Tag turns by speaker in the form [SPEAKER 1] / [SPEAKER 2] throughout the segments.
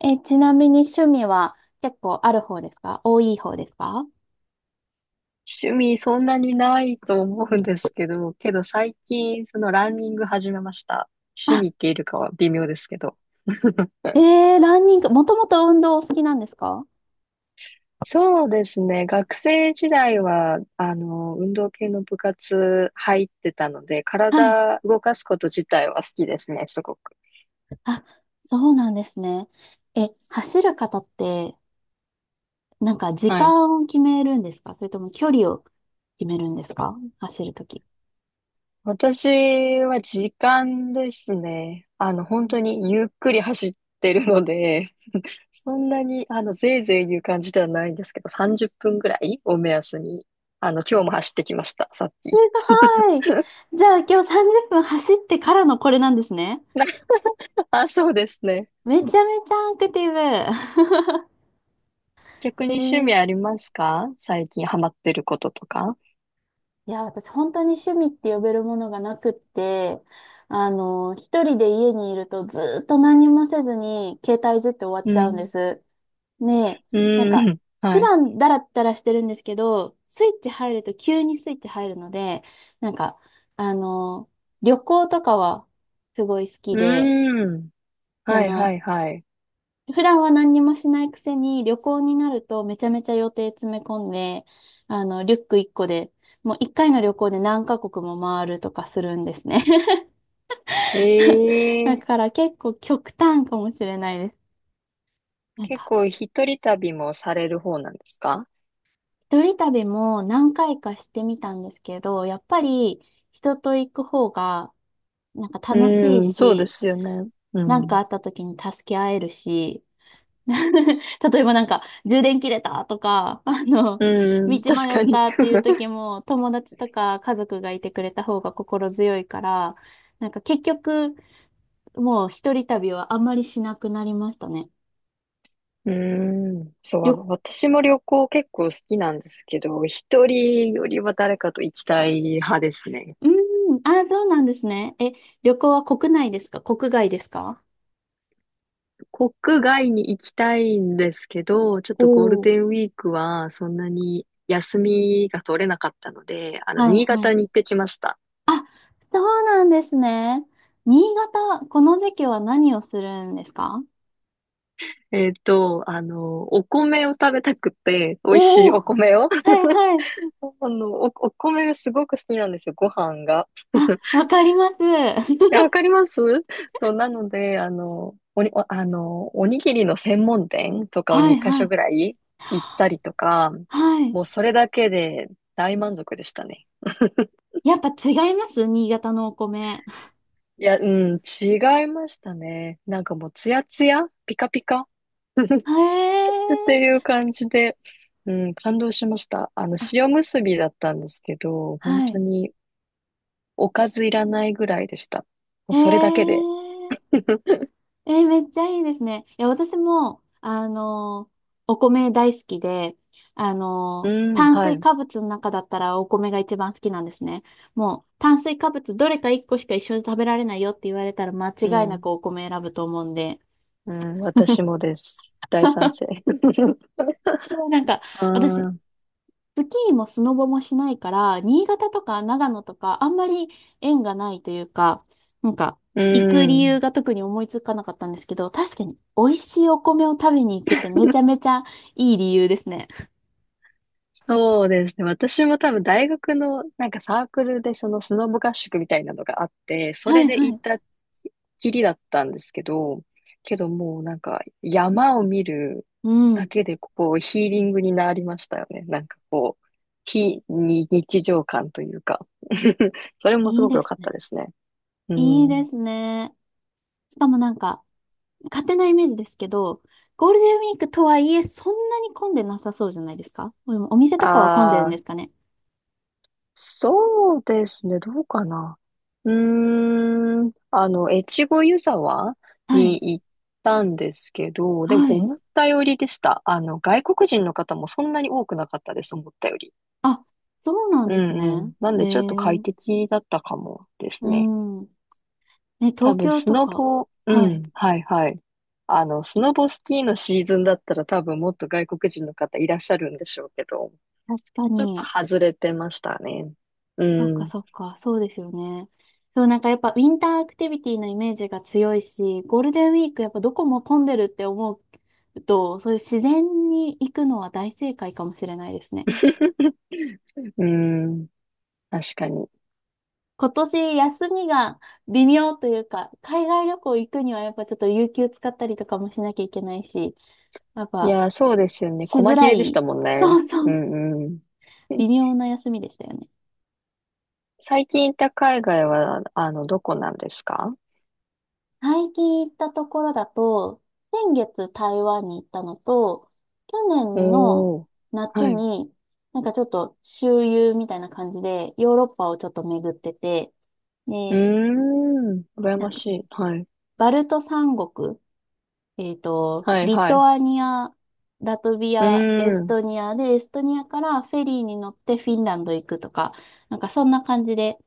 [SPEAKER 1] ちなみに趣味は結構ある方ですか？多い方ですか？
[SPEAKER 2] 趣味そんなにないと思うんですけど、けど最近そのランニング始めました。趣
[SPEAKER 1] あ、
[SPEAKER 2] 味っているかは微妙ですけど。
[SPEAKER 1] えランニング、もともと運動お好きなんですか？
[SPEAKER 2] そうですね。学生時代は、運動系の部活入ってたので、
[SPEAKER 1] はい。
[SPEAKER 2] 体動かすこと自体は好きですね、すごく。
[SPEAKER 1] あ、そうなんですね。走る方って、なんか時
[SPEAKER 2] はい。
[SPEAKER 1] 間を決めるんですか？それとも距離を決めるんですか？走るとき。
[SPEAKER 2] 私は時間ですね。本当にゆっくり走ってるので、そんなに、ぜいぜい言う感じではないんですけど、30分ぐらいを目安に、今日も走ってきました、さっ
[SPEAKER 1] す
[SPEAKER 2] き。
[SPEAKER 1] ごい。じゃあ今日30分走ってからのこれなんですね。
[SPEAKER 2] あ、そうですね。
[SPEAKER 1] めちゃめちゃアクティブ。
[SPEAKER 2] 逆
[SPEAKER 1] え
[SPEAKER 2] に趣味
[SPEAKER 1] ー
[SPEAKER 2] ありますか？最近ハマってることとか。
[SPEAKER 1] いや、私本当に趣味って呼べるものがなくって、一人で家にいるとずーっと何もせずに携帯いじって終わっ
[SPEAKER 2] う
[SPEAKER 1] ちゃうんで
[SPEAKER 2] ん。
[SPEAKER 1] す。ねえ、なん
[SPEAKER 2] う
[SPEAKER 1] か、
[SPEAKER 2] ん。
[SPEAKER 1] 普
[SPEAKER 2] はい。
[SPEAKER 1] 段だらったらしてるんですけど、スイッチ入ると急にスイッチ入るので、なんか、あの、旅行とかはすごい好きで、
[SPEAKER 2] うん。
[SPEAKER 1] そ
[SPEAKER 2] はいは
[SPEAKER 1] の、
[SPEAKER 2] いはい。
[SPEAKER 1] 普段は何にもしないくせに、旅行になるとめちゃめちゃ予定詰め込んで、リュック1個で、もう1回の旅行で何カ国も回るとかするんですね。
[SPEAKER 2] え
[SPEAKER 1] だ
[SPEAKER 2] え。
[SPEAKER 1] から結構極端かもしれないです。なん
[SPEAKER 2] 結
[SPEAKER 1] か、
[SPEAKER 2] 構一人旅もされる方なんですか？
[SPEAKER 1] 一人旅も何回かしてみたんですけど、やっぱり人と行く方がなんか楽しい
[SPEAKER 2] うん、そうで
[SPEAKER 1] し、
[SPEAKER 2] すよね。う
[SPEAKER 1] 何か
[SPEAKER 2] ん。
[SPEAKER 1] あった時に助け合えるし、例えばなんか、充電切れたとか、
[SPEAKER 2] う
[SPEAKER 1] 道
[SPEAKER 2] ん、確
[SPEAKER 1] 迷っ
[SPEAKER 2] かに。
[SPEAKER 1] たっていう 時も、友達とか家族がいてくれた方が心強いから、なんか結局、もう一人旅はあんまりしなくなりましたね。
[SPEAKER 2] うーん。そう、
[SPEAKER 1] 旅、
[SPEAKER 2] 私も旅行結構好きなんですけど、一人よりは誰かと行きたい派ですね。
[SPEAKER 1] うーん、あー、そうなんですね。旅行は国内ですか？国外ですか？
[SPEAKER 2] 国外に行きたいんですけど、ちょっ
[SPEAKER 1] お
[SPEAKER 2] とゴール
[SPEAKER 1] おー、
[SPEAKER 2] デンウィークはそんなに休みが取れなかったので、
[SPEAKER 1] はい
[SPEAKER 2] 新
[SPEAKER 1] はい。
[SPEAKER 2] 潟に行ってきました。
[SPEAKER 1] あ、そうなんですね。新潟、この時期は何をするんですか？
[SPEAKER 2] お米を食べたくて、美味し
[SPEAKER 1] お
[SPEAKER 2] い
[SPEAKER 1] お
[SPEAKER 2] お
[SPEAKER 1] ー、
[SPEAKER 2] 米を。
[SPEAKER 1] はいはい。
[SPEAKER 2] お米がすごく好きなんですよ、ご飯が。
[SPEAKER 1] あ、わかります。
[SPEAKER 2] え、わ かります？そう、なので、おにぎりの専門店とかを
[SPEAKER 1] はいは
[SPEAKER 2] 2カ所
[SPEAKER 1] い。
[SPEAKER 2] ぐらい行ったりとか、
[SPEAKER 1] はい。
[SPEAKER 2] もうそれだけで大満足でしたね。
[SPEAKER 1] やっぱ違います新潟のお米。
[SPEAKER 2] いや、うん、違いましたね。なんかもうツヤツヤ、ピカピカ
[SPEAKER 1] へ
[SPEAKER 2] ってい
[SPEAKER 1] え。
[SPEAKER 2] う感じで、うん、感動しました。
[SPEAKER 1] あ、
[SPEAKER 2] 塩結びだったんですけど、本
[SPEAKER 1] は
[SPEAKER 2] 当
[SPEAKER 1] い。
[SPEAKER 2] におかずいらないぐらいでした。もう
[SPEAKER 1] へ
[SPEAKER 2] それだけで。
[SPEAKER 1] え。めっちゃいいですね。いや、私も、お米大好きで、
[SPEAKER 2] うん、
[SPEAKER 1] 炭
[SPEAKER 2] は
[SPEAKER 1] 水
[SPEAKER 2] い。
[SPEAKER 1] 化物の中だったらお米が一番好きなんですね。もう、炭水化物どれか一個しか一緒に食べられないよって言われたら間違
[SPEAKER 2] う
[SPEAKER 1] いなく
[SPEAKER 2] ん。
[SPEAKER 1] お米選ぶと思うんで。
[SPEAKER 2] うん、私 もです。大賛成。
[SPEAKER 1] でもなんか、
[SPEAKER 2] あ
[SPEAKER 1] 私、
[SPEAKER 2] あ、
[SPEAKER 1] スキーもスノボもしないから、新潟とか長野とか、あんまり縁がないというか、なんか、
[SPEAKER 2] う
[SPEAKER 1] 行く理由
[SPEAKER 2] ん。
[SPEAKER 1] が特に思いつかなかったんですけど、確かに美味しいお米を食べに行くってめちゃめちゃいい理由ですね。
[SPEAKER 2] そうですね。私も多分大学のなんかサークルでそのスノボ合宿みたいなのがあって、そ
[SPEAKER 1] は
[SPEAKER 2] れ
[SPEAKER 1] い
[SPEAKER 2] で
[SPEAKER 1] は
[SPEAKER 2] 行
[SPEAKER 1] い。
[SPEAKER 2] ったきりだったんですけど、けどもうなんか山を見る
[SPEAKER 1] う
[SPEAKER 2] だ
[SPEAKER 1] ん。
[SPEAKER 2] けでこうヒーリングになりましたよね。なんかこう、非に日常感というか それもす
[SPEAKER 1] いい
[SPEAKER 2] ごく
[SPEAKER 1] で
[SPEAKER 2] 良
[SPEAKER 1] す
[SPEAKER 2] かった
[SPEAKER 1] ね。
[SPEAKER 2] ですね。う
[SPEAKER 1] いいで
[SPEAKER 2] ん。
[SPEAKER 1] すね。しかもなんか、勝手なイメージですけど、ゴールデンウィークとはいえ、そんなに混んでなさそうじゃないですか？でもお店とかは混んでるん
[SPEAKER 2] あ
[SPEAKER 1] で
[SPEAKER 2] あ。
[SPEAKER 1] すかね？
[SPEAKER 2] そうですね。どうかな。うーん。越後湯沢
[SPEAKER 1] はい。
[SPEAKER 2] に行ったんですけど、でも
[SPEAKER 1] はい。
[SPEAKER 2] 思ったよりでした。外国人の方もそんなに多くなかったです、思ったより。
[SPEAKER 1] あ、そうなん
[SPEAKER 2] う
[SPEAKER 1] です
[SPEAKER 2] んう
[SPEAKER 1] ね。
[SPEAKER 2] ん。なん
[SPEAKER 1] へ
[SPEAKER 2] でちょっと快
[SPEAKER 1] え。
[SPEAKER 2] 適だったかもです
[SPEAKER 1] う
[SPEAKER 2] ね。
[SPEAKER 1] ん。ね、
[SPEAKER 2] 多
[SPEAKER 1] 東
[SPEAKER 2] 分、
[SPEAKER 1] 京
[SPEAKER 2] ス
[SPEAKER 1] と
[SPEAKER 2] ノ
[SPEAKER 1] か。
[SPEAKER 2] ボ、う
[SPEAKER 1] はい。
[SPEAKER 2] ん、はいはい。スノボスキーのシーズンだったら多分もっと外国人の方いらっしゃるんでしょうけど、
[SPEAKER 1] 確か
[SPEAKER 2] ちょっと
[SPEAKER 1] に。
[SPEAKER 2] 外れてましたね。う
[SPEAKER 1] そっか
[SPEAKER 2] ん。
[SPEAKER 1] そっか。そうですよね。そう、なんかやっぱウィンターアクティビティのイメージが強いし、ゴールデンウィークやっぱどこも混んでるって思うと、そういう自然に行くのは大正解かもしれないですね。
[SPEAKER 2] うん。確かに。
[SPEAKER 1] 今年休みが微妙というか、海外旅行行くにはやっぱちょっと有給使ったりとかもしなきゃいけないし、やっ
[SPEAKER 2] い
[SPEAKER 1] ぱ
[SPEAKER 2] やー、そうですよね。
[SPEAKER 1] し
[SPEAKER 2] 細
[SPEAKER 1] づ
[SPEAKER 2] 切
[SPEAKER 1] ら
[SPEAKER 2] れでし
[SPEAKER 1] い。
[SPEAKER 2] たもんね。
[SPEAKER 1] そうそ
[SPEAKER 2] う
[SPEAKER 1] う。
[SPEAKER 2] んうん。
[SPEAKER 1] 微 妙な休みでしたよね。
[SPEAKER 2] 最近行った海外は、どこなんですか？
[SPEAKER 1] 最近行ったところだと、先月台湾に行ったのと、去年の
[SPEAKER 2] おー。
[SPEAKER 1] 夏
[SPEAKER 2] はい。う
[SPEAKER 1] に、なんかちょっと周遊みたいな感じで、ヨーロッパをちょっと巡ってて、
[SPEAKER 2] ー
[SPEAKER 1] で、
[SPEAKER 2] ん。羨
[SPEAKER 1] な
[SPEAKER 2] ま
[SPEAKER 1] んか
[SPEAKER 2] しい。はい。
[SPEAKER 1] バルト三国、
[SPEAKER 2] はい、
[SPEAKER 1] リ
[SPEAKER 2] は
[SPEAKER 1] ト
[SPEAKER 2] い。
[SPEAKER 1] アニア、ラトビ
[SPEAKER 2] うー
[SPEAKER 1] ア、エス
[SPEAKER 2] ん。
[SPEAKER 1] トニアで、エストニアからフェリーに乗ってフィンランド行くとか、なんかそんな感じで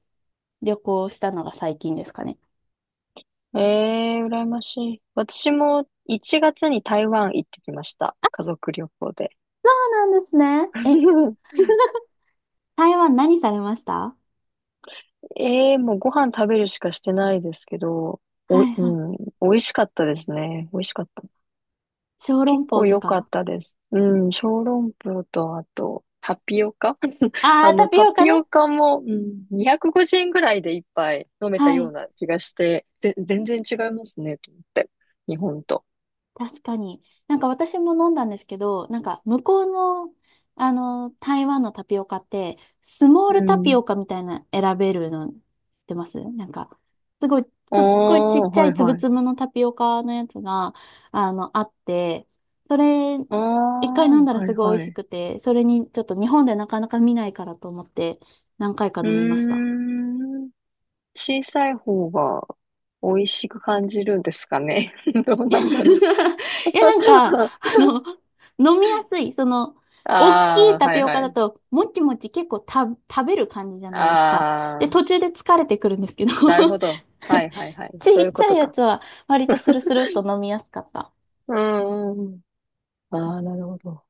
[SPEAKER 1] 旅行したのが最近ですかね。
[SPEAKER 2] 羨ましい。私も1月に台湾行ってきました。家族旅行で。
[SPEAKER 1] そうなんですね。台湾何されました？
[SPEAKER 2] もうご飯食べるしかしてないですけど、お、
[SPEAKER 1] はい
[SPEAKER 2] う
[SPEAKER 1] はい。
[SPEAKER 2] ん、美味しかったですね。美味しかった。
[SPEAKER 1] 小籠
[SPEAKER 2] 結
[SPEAKER 1] 包
[SPEAKER 2] 構
[SPEAKER 1] と
[SPEAKER 2] 良かっ
[SPEAKER 1] か。
[SPEAKER 2] たです。うん、小籠包と、あと、タピオカ
[SPEAKER 1] ああ、タピ
[SPEAKER 2] タ
[SPEAKER 1] オカ
[SPEAKER 2] ピ
[SPEAKER 1] ね。
[SPEAKER 2] オカも、うん、250円ぐらいで一杯飲めた
[SPEAKER 1] は
[SPEAKER 2] よう
[SPEAKER 1] い。
[SPEAKER 2] な気がして、全然違いますね、と思って。日本と。
[SPEAKER 1] 確かに。なんか私も飲んだんですけど、なんか向こうの、台湾のタピオカって、スモー
[SPEAKER 2] う
[SPEAKER 1] ルタピ
[SPEAKER 2] ん。
[SPEAKER 1] オカみたいな選べるの知ってます？なんか、すごい、
[SPEAKER 2] あ
[SPEAKER 1] すっごいちっ
[SPEAKER 2] あ、
[SPEAKER 1] ちゃ
[SPEAKER 2] は
[SPEAKER 1] い
[SPEAKER 2] い
[SPEAKER 1] つぶ
[SPEAKER 2] はい。
[SPEAKER 1] つぶのタピオカのやつが、あって、それ、
[SPEAKER 2] ああ、
[SPEAKER 1] 一回飲んだら
[SPEAKER 2] は
[SPEAKER 1] す
[SPEAKER 2] い
[SPEAKER 1] ごい美
[SPEAKER 2] は
[SPEAKER 1] 味し
[SPEAKER 2] い。
[SPEAKER 1] くて、それにちょっと日本でなかなか見ないからと思って、何回か
[SPEAKER 2] うー
[SPEAKER 1] 飲みました。
[SPEAKER 2] ん。小さい方が美味しく感じるんですかね。ど う
[SPEAKER 1] いや、
[SPEAKER 2] な んだろう。
[SPEAKER 1] いやなんか、飲みやすい。大き
[SPEAKER 2] あ
[SPEAKER 1] い
[SPEAKER 2] あ、
[SPEAKER 1] タ
[SPEAKER 2] は
[SPEAKER 1] ピ
[SPEAKER 2] い
[SPEAKER 1] オ
[SPEAKER 2] は
[SPEAKER 1] カだ
[SPEAKER 2] い。
[SPEAKER 1] と、もちもち結構食べる感じじゃないですか。で、
[SPEAKER 2] あ
[SPEAKER 1] 途
[SPEAKER 2] あ。
[SPEAKER 1] 中で疲れてくるんですけど、
[SPEAKER 2] なるほど。はいはいは い。
[SPEAKER 1] ち
[SPEAKER 2] そうい
[SPEAKER 1] っ
[SPEAKER 2] う
[SPEAKER 1] ち
[SPEAKER 2] こ
[SPEAKER 1] ゃ
[SPEAKER 2] と
[SPEAKER 1] いや
[SPEAKER 2] か。
[SPEAKER 1] つは割とスルスルっと飲みやすかった。
[SPEAKER 2] うんうんうん。ああ、なるほど。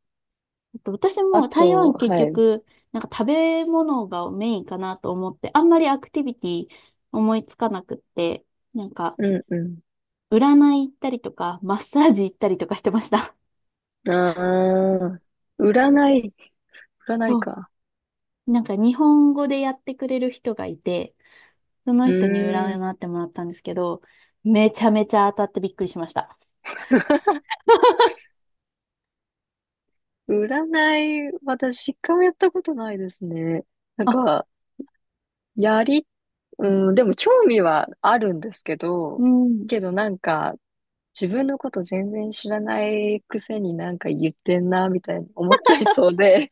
[SPEAKER 1] あと私
[SPEAKER 2] あ
[SPEAKER 1] も台
[SPEAKER 2] と、
[SPEAKER 1] 湾結
[SPEAKER 2] はい。
[SPEAKER 1] 局、なんか食べ物がメインかなと思って、あんまりアクティビティ思いつかなくって、なんか、
[SPEAKER 2] うんうん。
[SPEAKER 1] 占い行ったりとか、マッサージ行ったりとかしてました。
[SPEAKER 2] ああ、占い、占い
[SPEAKER 1] と
[SPEAKER 2] か。
[SPEAKER 1] なんか日本語でやってくれる人がいて、その
[SPEAKER 2] う
[SPEAKER 1] 人に
[SPEAKER 2] ーん。
[SPEAKER 1] 占ってもらったんですけど、めちゃめちゃ当たってびっくりしました。
[SPEAKER 2] 占い、私、一回もやったことないですね。なん
[SPEAKER 1] あ、
[SPEAKER 2] か、やり、うん、でも興味はあるんですけ
[SPEAKER 1] う
[SPEAKER 2] ど、
[SPEAKER 1] ん。
[SPEAKER 2] けどなんか、自分のこと全然知らないくせになんか言ってんな、みたいに思っちゃいそうで。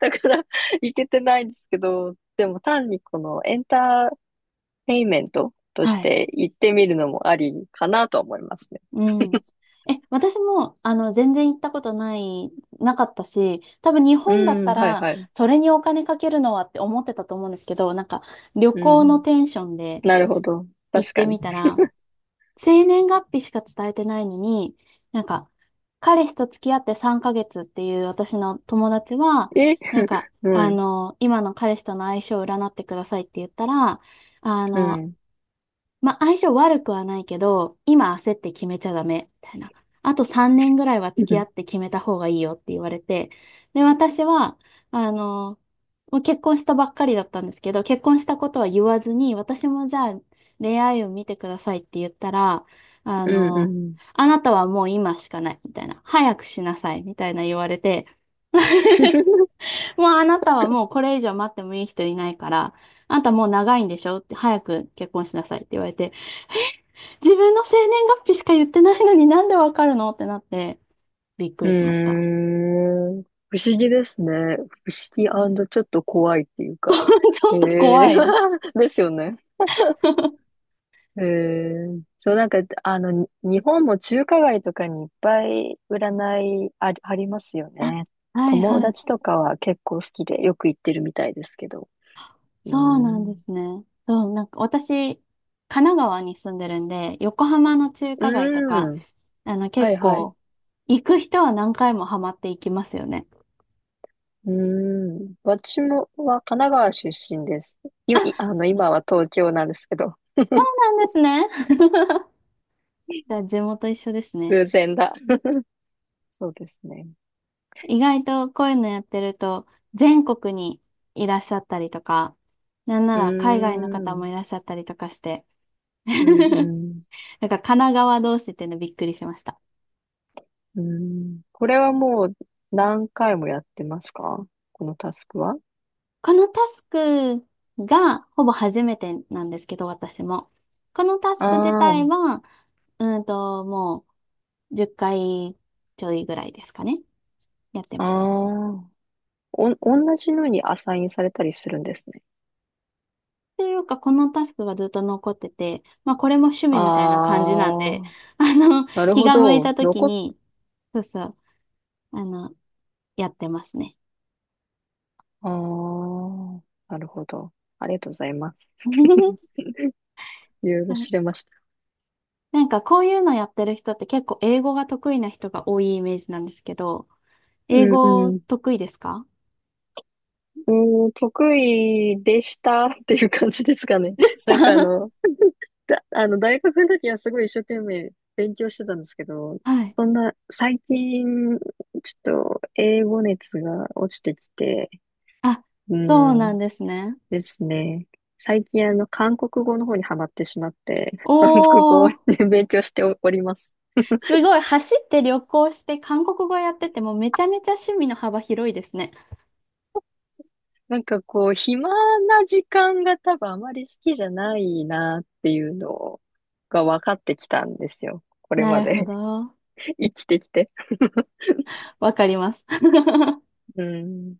[SPEAKER 2] だから行けてないんですけど、でも単にこのエンターテインメントと
[SPEAKER 1] は
[SPEAKER 2] し
[SPEAKER 1] い。
[SPEAKER 2] て行ってみるのもありかなと思いますね。
[SPEAKER 1] うん。私も、全然行ったことない、なかったし、多分日
[SPEAKER 2] う
[SPEAKER 1] 本だった
[SPEAKER 2] ん、はい
[SPEAKER 1] ら、
[SPEAKER 2] はい。
[SPEAKER 1] それにお金かけるのはって思ってたと思うんですけど、なんか、旅
[SPEAKER 2] う
[SPEAKER 1] 行の
[SPEAKER 2] ん。
[SPEAKER 1] テンションで
[SPEAKER 2] なるほど。
[SPEAKER 1] 行っ
[SPEAKER 2] 確
[SPEAKER 1] て
[SPEAKER 2] かに。
[SPEAKER 1] みたら、生年月日しか伝えてないのに、なんか、彼氏と付き合って3ヶ月っていう私の友達は、
[SPEAKER 2] え
[SPEAKER 1] なんか、
[SPEAKER 2] はい。
[SPEAKER 1] 今の彼氏との相性を占ってくださいって言ったら、あ
[SPEAKER 2] う
[SPEAKER 1] の、
[SPEAKER 2] ん。
[SPEAKER 1] まあ、相性悪くはないけど、今焦って決めちゃダメ、みたいな。あと3年ぐらいは付き合って決めた方がいいよって言われて、で、私は、あの、もう結婚したばっかりだったんですけど、結婚したことは言わずに、私もじゃあ恋愛を見てくださいって言ったら、あ
[SPEAKER 2] うんう
[SPEAKER 1] の、
[SPEAKER 2] ん。
[SPEAKER 1] あなたはもう今しかない、みたいな。早くしなさい、みたいな言われて、もうあなたはもうこれ以上待ってもいい人いないから、あんたもう長いんでしょって早く結婚しなさいって言われて、自分の生年月日しか言ってないのになんでわかるのってなってびっく
[SPEAKER 2] うー
[SPEAKER 1] りしました。
[SPEAKER 2] ん。不思議ですね。不思議ちょっと怖いっていう か。
[SPEAKER 1] そうちょ
[SPEAKER 2] え
[SPEAKER 1] っと怖
[SPEAKER 2] え
[SPEAKER 1] い。
[SPEAKER 2] ですよね。うーん。そう、なんか、日本も中華街とかにいっぱい占いありますよ
[SPEAKER 1] あ、
[SPEAKER 2] ね。
[SPEAKER 1] はい
[SPEAKER 2] 友
[SPEAKER 1] はい。
[SPEAKER 2] 達とかは結構好きでよく行ってるみたいですけど。う
[SPEAKER 1] そう
[SPEAKER 2] ー
[SPEAKER 1] なんで
[SPEAKER 2] ん。
[SPEAKER 1] すね。そう、なんか私、神奈川に住んでるんで、横浜の中
[SPEAKER 2] う
[SPEAKER 1] 華街とか、
[SPEAKER 2] ーん。は
[SPEAKER 1] 結
[SPEAKER 2] いはい。
[SPEAKER 1] 構、行く人は何回もハマっていきますよね。
[SPEAKER 2] うーん。私もは神奈川出身です。い、
[SPEAKER 1] あ、そ
[SPEAKER 2] いあの、今は東京なんですけど。
[SPEAKER 1] うなんですね。じゃあ地元一緒ですね。
[SPEAKER 2] 偶然だ。そうですね。
[SPEAKER 1] 意外とこういうのやってると、全国にいらっしゃったりとか、なんな
[SPEAKER 2] う
[SPEAKER 1] ら海外の
[SPEAKER 2] ー
[SPEAKER 1] 方も
[SPEAKER 2] ん。
[SPEAKER 1] いらっしゃったりとかして、
[SPEAKER 2] うんうん。
[SPEAKER 1] なんか神奈川同士っていうのびっくりしました。
[SPEAKER 2] うん。これはもう何回もやってますか？このタスクは？
[SPEAKER 1] このタスクがほぼ初めてなんですけど、私も。このタス
[SPEAKER 2] あ
[SPEAKER 1] ク自体
[SPEAKER 2] あ、
[SPEAKER 1] は、もう10回ちょいぐらいですかね。やって
[SPEAKER 2] あ
[SPEAKER 1] ます。
[SPEAKER 2] あ。同じのにアサインされたりするんですね。
[SPEAKER 1] というか、このタスクがずっと残ってて、まあこれも趣
[SPEAKER 2] あ
[SPEAKER 1] 味みたいな感じなんで、
[SPEAKER 2] あ、なる
[SPEAKER 1] 気
[SPEAKER 2] ほ
[SPEAKER 1] が向いた
[SPEAKER 2] ど。
[SPEAKER 1] 時に、そうそう、あの、やってますね。
[SPEAKER 2] ああ、なるほど。ありがとうございます。
[SPEAKER 1] は
[SPEAKER 2] いろいろ知れ
[SPEAKER 1] い、
[SPEAKER 2] ました。
[SPEAKER 1] なんかこういうのやってる人って結構英語が得意な人が多いイメージなんですけど、
[SPEAKER 2] う
[SPEAKER 1] 英
[SPEAKER 2] ん
[SPEAKER 1] 語
[SPEAKER 2] うん。
[SPEAKER 1] 得意ですか？
[SPEAKER 2] うん、得意でしたっていう感じですかね。
[SPEAKER 1] で した。
[SPEAKER 2] なんかあ の、だ、あの、大学の時はすごい一生懸命勉強してたんですけど、
[SPEAKER 1] はい。
[SPEAKER 2] そんな、最近、ちょっと英語熱が落ちてきて、
[SPEAKER 1] あ、
[SPEAKER 2] う
[SPEAKER 1] そうなん
[SPEAKER 2] ん。
[SPEAKER 1] ですね。
[SPEAKER 2] ですね。最近韓国語の方にハマってしまって、韓国語
[SPEAKER 1] おー、
[SPEAKER 2] で勉強しております。
[SPEAKER 1] すごい。走って旅行して韓国語やっててもめちゃめちゃ趣味の幅広いですね。
[SPEAKER 2] なんかこう、暇な時間が多分あまり好きじゃないなっていうのが分かってきたんですよ。これ
[SPEAKER 1] な
[SPEAKER 2] ま
[SPEAKER 1] るほ
[SPEAKER 2] で
[SPEAKER 1] ど。
[SPEAKER 2] 生きてきて。
[SPEAKER 1] わかります。
[SPEAKER 2] うん。